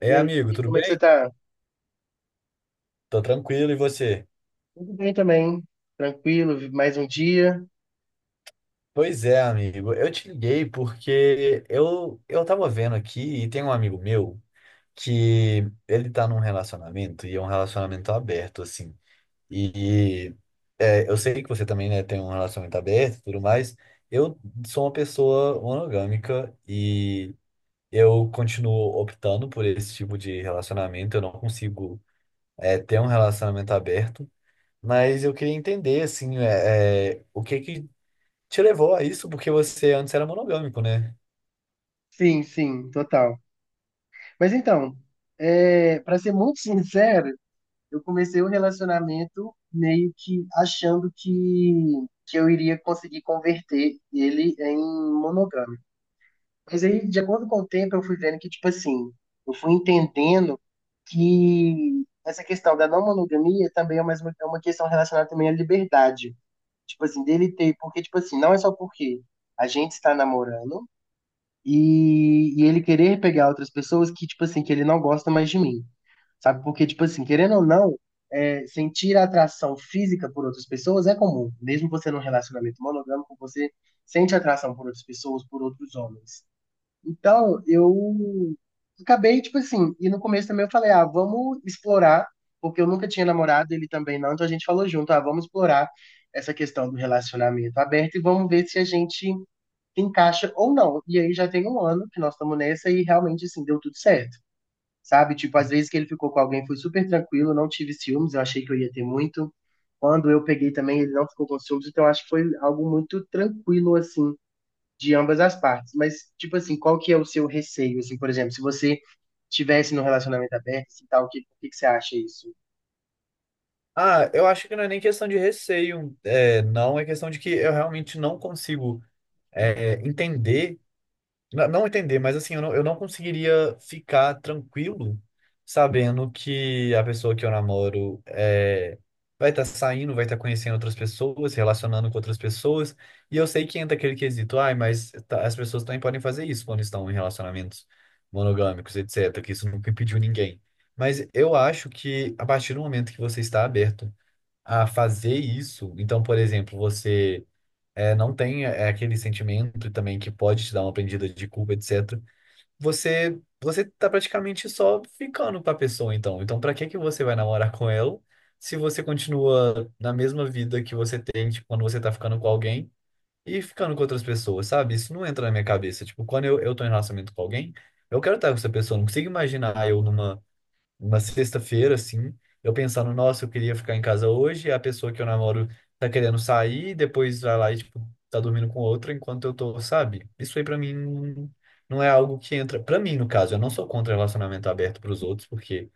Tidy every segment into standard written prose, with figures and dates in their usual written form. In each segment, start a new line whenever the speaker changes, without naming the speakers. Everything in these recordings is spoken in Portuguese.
Ei,
E aí,
amigo,
amigo,
tudo
como é que você
bem?
tá?
Tô tranquilo, e você?
Tudo bem também, tranquilo, mais um dia.
Pois é, amigo, eu te liguei porque eu tava vendo aqui e tem um amigo meu que ele tá num relacionamento e é um relacionamento aberto, assim. E eu sei que você também, né, tem um relacionamento aberto e tudo mais. Eu sou uma pessoa monogâmica e eu continuo optando por esse tipo de relacionamento. Eu não consigo, ter um relacionamento aberto. Mas eu queria entender, assim, o que que te levou a isso, porque você antes era monogâmico, né?
Sim, sim, total. Mas então, para ser muito sincero, eu comecei o relacionamento meio que achando que eu iria conseguir converter ele em monogâmico. Mas aí, de acordo com o tempo, eu fui vendo que, tipo assim, eu fui entendendo que essa questão da não monogamia também é é uma questão relacionada também à liberdade. Tipo assim, dele ter. Porque, tipo assim, não é só porque a gente está namorando e ele querer pegar outras pessoas que, tipo assim, que ele não gosta mais de mim. Sabe? Porque, tipo assim, querendo ou não, sentir atração física por outras pessoas é comum. Mesmo você num relacionamento monogâmico, você sente atração por outras pessoas, por outros homens. Então, eu acabei, tipo assim, e no começo também eu falei, ah, vamos explorar, porque eu nunca tinha namorado, ele também não, então a gente falou junto, ah, vamos explorar essa questão do relacionamento aberto e vamos ver se a gente encaixa ou não. E aí já tem um ano que nós estamos nessa e realmente, assim, deu tudo certo, sabe? Tipo, às vezes que ele ficou com alguém foi super tranquilo, não tive ciúmes, eu achei que eu ia ter muito. Quando eu peguei também, ele não ficou com ciúmes, então acho que foi algo muito tranquilo, assim, de ambas as partes. Mas, tipo assim, qual que é o seu receio, assim, por exemplo, se você tivesse no relacionamento aberto e tal, o o que que você acha isso?
Ah, eu acho que não é nem questão de receio, não, é questão de que eu realmente não consigo, entender. Não entender, mas assim, eu não conseguiria ficar tranquilo sabendo que a pessoa que eu namoro vai estar saindo, vai estar conhecendo outras pessoas, relacionando com outras pessoas. E eu sei que entra aquele quesito, ai, mas as pessoas também podem fazer isso quando estão em relacionamentos monogâmicos, etc., que isso nunca impediu ninguém. Mas eu acho que a partir do momento que você está aberto a fazer isso, então, por exemplo, você não tem é aquele sentimento também que pode te dar uma prendida de culpa, etc. Você tá praticamente só ficando com a pessoa, então. Então, pra que que você vai namorar com ela se você continua na mesma vida que você tem, tipo, quando você tá ficando com alguém e ficando com outras pessoas, sabe? Isso não entra na minha cabeça. Tipo, quando eu tô em relacionamento com alguém, eu quero estar com essa pessoa. Eu não consigo imaginar eu numa uma sexta-feira, assim, eu pensando, nossa, eu queria ficar em casa hoje, e a pessoa que eu namoro tá querendo sair, depois vai lá e, tipo, tá dormindo com outra enquanto eu tô, sabe? Isso aí pra mim não é algo que entra. Pra mim, no caso, eu não sou contra relacionamento aberto pros outros, porque,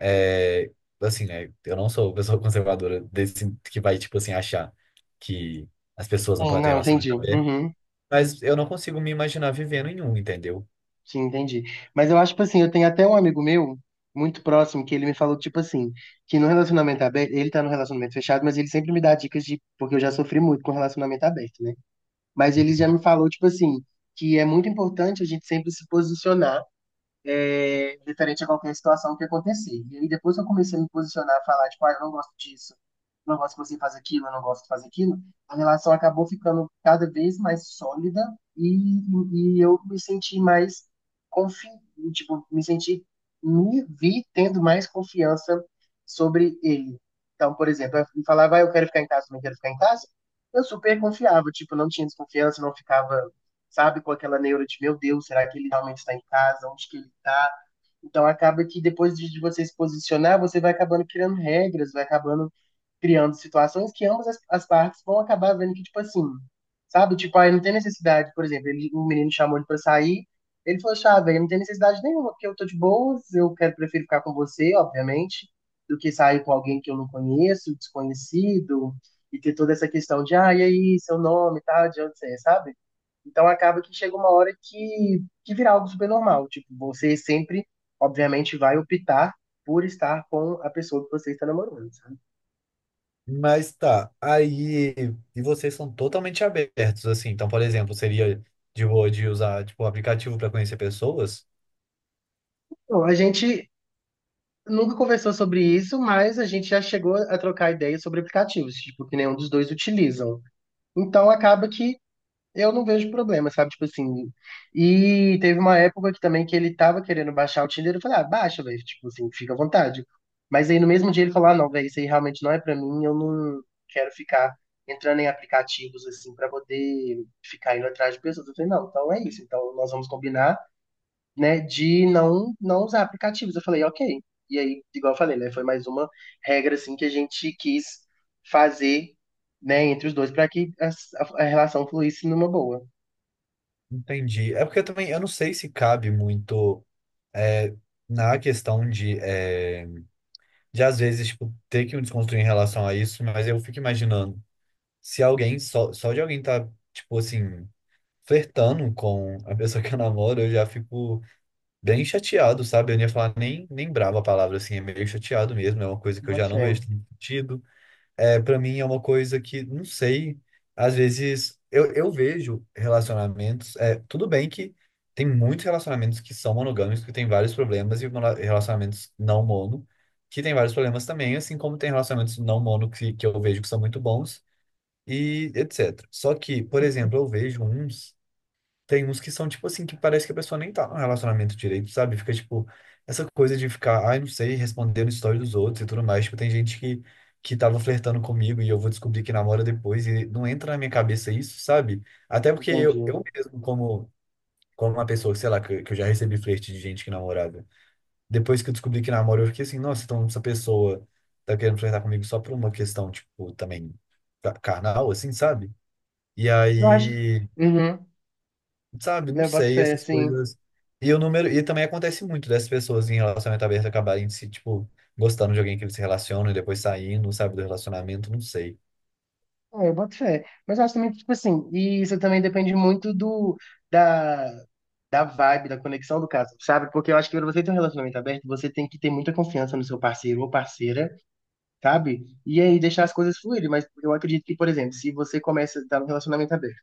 é, assim, né, eu não sou pessoa conservadora desse que vai, tipo, assim, achar que as pessoas não
Sim,
podem ter
não, entendi.
relacionamento aberto,
Uhum,
mas eu não consigo me imaginar vivendo em um, entendeu?
sim, entendi. Mas eu acho, tipo assim, eu tenho até um amigo meu, muito próximo, que ele me falou, tipo assim, que no relacionamento aberto, ele tá no relacionamento fechado, mas ele sempre me dá dicas de, porque eu já sofri muito com relacionamento aberto, né? Mas ele já me falou, tipo assim, que é muito importante a gente sempre se posicionar diferente a qualquer situação que acontecer. E aí depois que eu comecei a me posicionar, a falar, tipo, ah, eu não gosto disso, não gosto que você faz aquilo, eu não gosto de fazer aquilo, a relação acabou ficando cada vez mais sólida e, e eu me senti mais confiante, tipo, me senti, me vi tendo mais confiança sobre ele. Então, por exemplo, eu falava, ah, eu quero ficar em casa, não quero ficar em casa, eu super confiava, tipo, não tinha desconfiança, não ficava, sabe, com aquela neura de, meu Deus, será que ele realmente está em casa, onde que ele está, então acaba que depois de você se posicionar, você vai acabando criando regras, vai acabando criando situações que ambas as partes vão acabar vendo que, tipo assim, sabe? Tipo, aí não tem necessidade, por exemplo, ele, um menino chamou ele pra sair, ele falou, chá, velho, não tem necessidade nenhuma, porque eu tô de boas, eu quero, prefiro ficar com você, obviamente, do que sair com alguém que eu não conheço, desconhecido, e ter toda essa questão de, ah, e aí, seu nome e tal, de onde você é, sabe? Então acaba que chega uma hora que vira algo super normal, tipo, você sempre, obviamente, vai optar por estar com a pessoa que você está namorando.
Mas tá, aí. E vocês são totalmente abertos, assim. Então, por exemplo, seria de boa de usar, tipo, o aplicativo para conhecer pessoas?
Bom, a gente nunca conversou sobre isso, mas a gente já chegou a trocar ideias sobre aplicativos, tipo, que nenhum dos dois utilizam. Então acaba que eu não vejo problema, sabe? Tipo assim. E teve uma época aqui também que ele tava querendo baixar o Tinder, eu falei, ah, baixa, velho, tipo assim, fica à vontade. Mas aí no mesmo dia ele falou, ah, não, velho, isso aí realmente não é pra mim, eu não quero ficar entrando em aplicativos assim pra poder ficar indo atrás de pessoas. Eu falei, não, então é isso, então nós vamos combinar, né, de não usar aplicativos. Eu falei, ok. E aí, igual eu falei, né, foi mais uma regra assim que a gente quis fazer, né, entre os dois para que a relação fluísse numa boa.
Entendi. É porque eu também, eu não sei se cabe muito é, na questão de, às vezes, tipo, ter que me desconstruir em relação a isso, mas eu fico imaginando se alguém, só de alguém tá, tipo, assim, flertando com a pessoa que eu namoro, eu já fico bem chateado, sabe? Eu não ia falar nem, brava a palavra, assim, é meio chateado mesmo, é uma coisa que eu já
Boto
não
fé.
vejo tendo sentido. É, para mim é uma coisa que, não sei, às vezes eu vejo relacionamentos, tudo bem que tem muitos relacionamentos que são monogâmicos, que tem vários problemas, e relacionamentos não mono, que tem vários problemas também, assim como tem relacionamentos não mono que eu vejo que são muito bons, e etc. Só que, por exemplo,
Uhum.
eu vejo uns tem uns que são, tipo assim, que parece que a pessoa nem tá num relacionamento direito, sabe? Fica, tipo, essa coisa de ficar, ai, não sei, respondendo história dos outros e tudo mais. Tipo, tem gente que, tava flertando comigo e eu vou descobrir que namora depois e não entra na minha cabeça isso, sabe? Até porque eu,
Entendi.
eu mesmo, como uma pessoa, sei lá, que eu já recebi flerte de gente que namorava. Depois que eu descobri que namora, eu fiquei assim, nossa, então essa pessoa tá querendo flertar comigo só por uma questão, tipo, também carnal, assim, sabe? E
Eu acho.
aí
Uhum.
sabe, não
Né, eu boto
sei,
fé,
essas
assim.
coisas. E também acontece muito dessas pessoas em relacionamento aberto acabarem se, tipo, gostando de alguém que eles se relacionam e depois saindo, sabe, do relacionamento, não sei.
É, eu boto fé. Mas eu acho também que, tipo assim, e isso também depende muito do, da, da vibe, da conexão do caso, sabe? Porque eu acho que pra você ter um relacionamento aberto, você tem que ter muita confiança no seu parceiro ou parceira, sabe? E aí deixar as coisas fluírem, mas eu acredito que, por exemplo, se você começa a estar num relacionamento aberto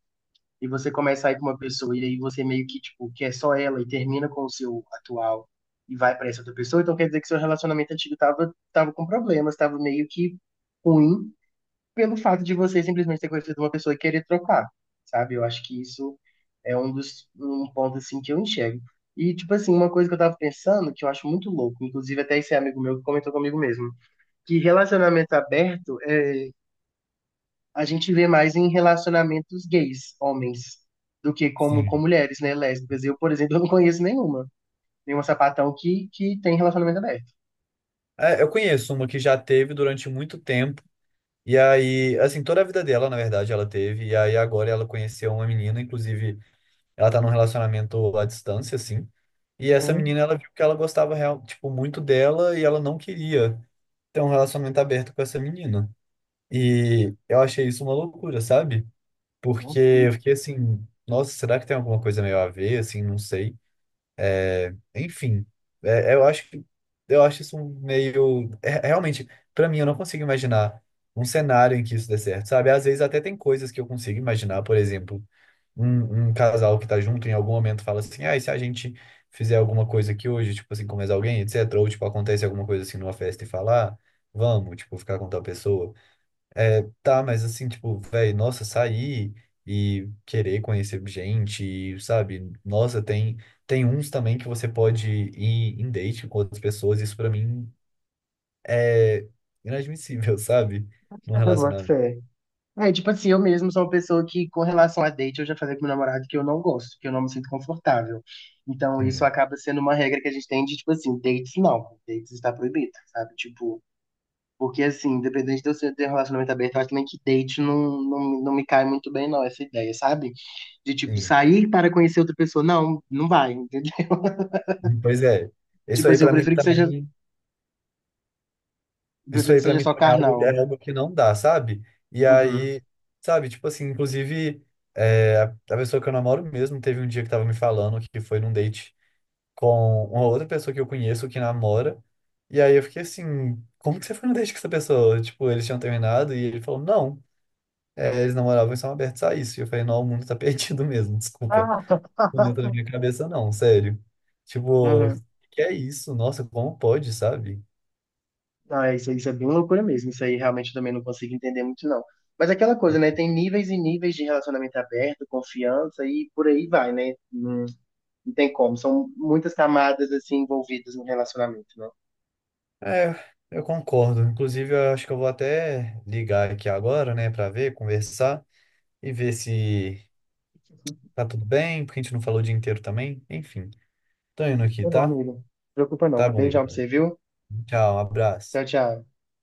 e você começa a ir com uma pessoa e aí você meio que, tipo, quer só ela e termina com o seu atual e vai pra essa outra pessoa, então quer dizer que seu relacionamento antigo tava, tava com problemas, tava meio que ruim pelo fato de você simplesmente ter conhecido uma pessoa e querer trocar, sabe? Eu acho que isso é um dos um ponto assim que eu enxergo. E tipo assim, uma coisa que eu tava pensando, que eu acho muito louco, inclusive até esse amigo meu que comentou comigo mesmo que relacionamento aberto a gente vê mais em relacionamentos gays, homens, do que como com
Sim.
mulheres, né, lésbicas. Eu, por exemplo, eu não conheço nenhuma, nenhuma sapatão que tem relacionamento aberto.
É, eu conheço uma que já teve durante muito tempo, e aí, assim, toda a vida dela, na verdade, ela teve, e aí agora ela conheceu uma menina, inclusive, ela tá num relacionamento à distância, assim, e essa
Uhum.
menina, ela viu que ela gostava, real, tipo, muito dela, e ela não queria ter um relacionamento aberto com essa menina. E eu achei isso uma loucura, sabe? Porque
Nossa,
eu fiquei assim, nossa, será que tem alguma coisa meio a ver, assim, não sei. Enfim, eu acho que eu acho isso um meio realmente, pra mim eu não consigo imaginar um cenário em que isso dê certo, sabe? Às vezes até tem coisas que eu consigo imaginar, por exemplo, um casal que tá junto em algum momento fala assim: "Ah, e se a gente fizer alguma coisa aqui hoje, tipo assim, comer alguém, etc." Ou tipo acontece alguma coisa assim numa festa e falar: "Vamos, tipo, ficar com tal pessoa." É, tá, mas assim, tipo, velho, nossa, sair e querer conhecer gente, e, sabe? Nossa, tem uns também que você pode ir em date com outras pessoas, isso pra mim é inadmissível, sabe? Num
eu boto
relacionamento.
fé. É, tipo assim, eu mesmo sou uma pessoa que, com relação a date, eu já falei com meu namorado que eu não gosto, que eu não me sinto confortável. Então, isso
Sim,
acaba sendo uma regra que a gente tem de, tipo assim, dates não, dates está proibido, sabe? Tipo, porque, assim, independente de você ter um relacionamento aberto, eu acho também que date não me cai muito bem, não, essa ideia, sabe? De, tipo,
sim.
sair para conhecer outra pessoa. Não, não vai, entendeu?
Pois é. Isso
Tipo
aí
assim, eu
pra mim
prefiro que seja,
também,
eu
isso
prefiro
aí
que
para
seja
mim
só
também é algo,
carnal.
é algo que não dá, sabe? E
Uhum.
aí, sabe, tipo assim, inclusive, é, a a pessoa que eu namoro mesmo teve um dia que tava me falando que foi num date com uma outra pessoa que eu conheço que namora. E aí eu fiquei assim, como que você foi no date com essa pessoa? Tipo, eles tinham terminado e ele falou, não, eles namoravam e são abertos a isso. E eu falei, não, o mundo tá perdido mesmo, desculpa.
Ah,
Não entra na minha cabeça não, sério. Tipo,
uhum.
que é isso? Nossa, como pode, sabe?
Ah, isso, isso é bem loucura mesmo. Isso aí realmente eu também não consigo entender muito, não. Mas é aquela coisa, né? Tem níveis e níveis de relacionamento aberto, confiança e por aí vai, né? Não, não tem como. São muitas camadas, assim, envolvidas no relacionamento, né?
É, eu concordo. Inclusive, eu acho que eu vou até ligar aqui agora, né, pra ver, conversar e ver se tá tudo bem, porque a gente não falou o dia inteiro também. Enfim, tô indo aqui,
Tá bom,
tá?
amigo. Não preocupa
Tá
não.
bom,
Beijão pra
então.
você, viu?
Tchau, um
Tchau,
abraço.
tchau.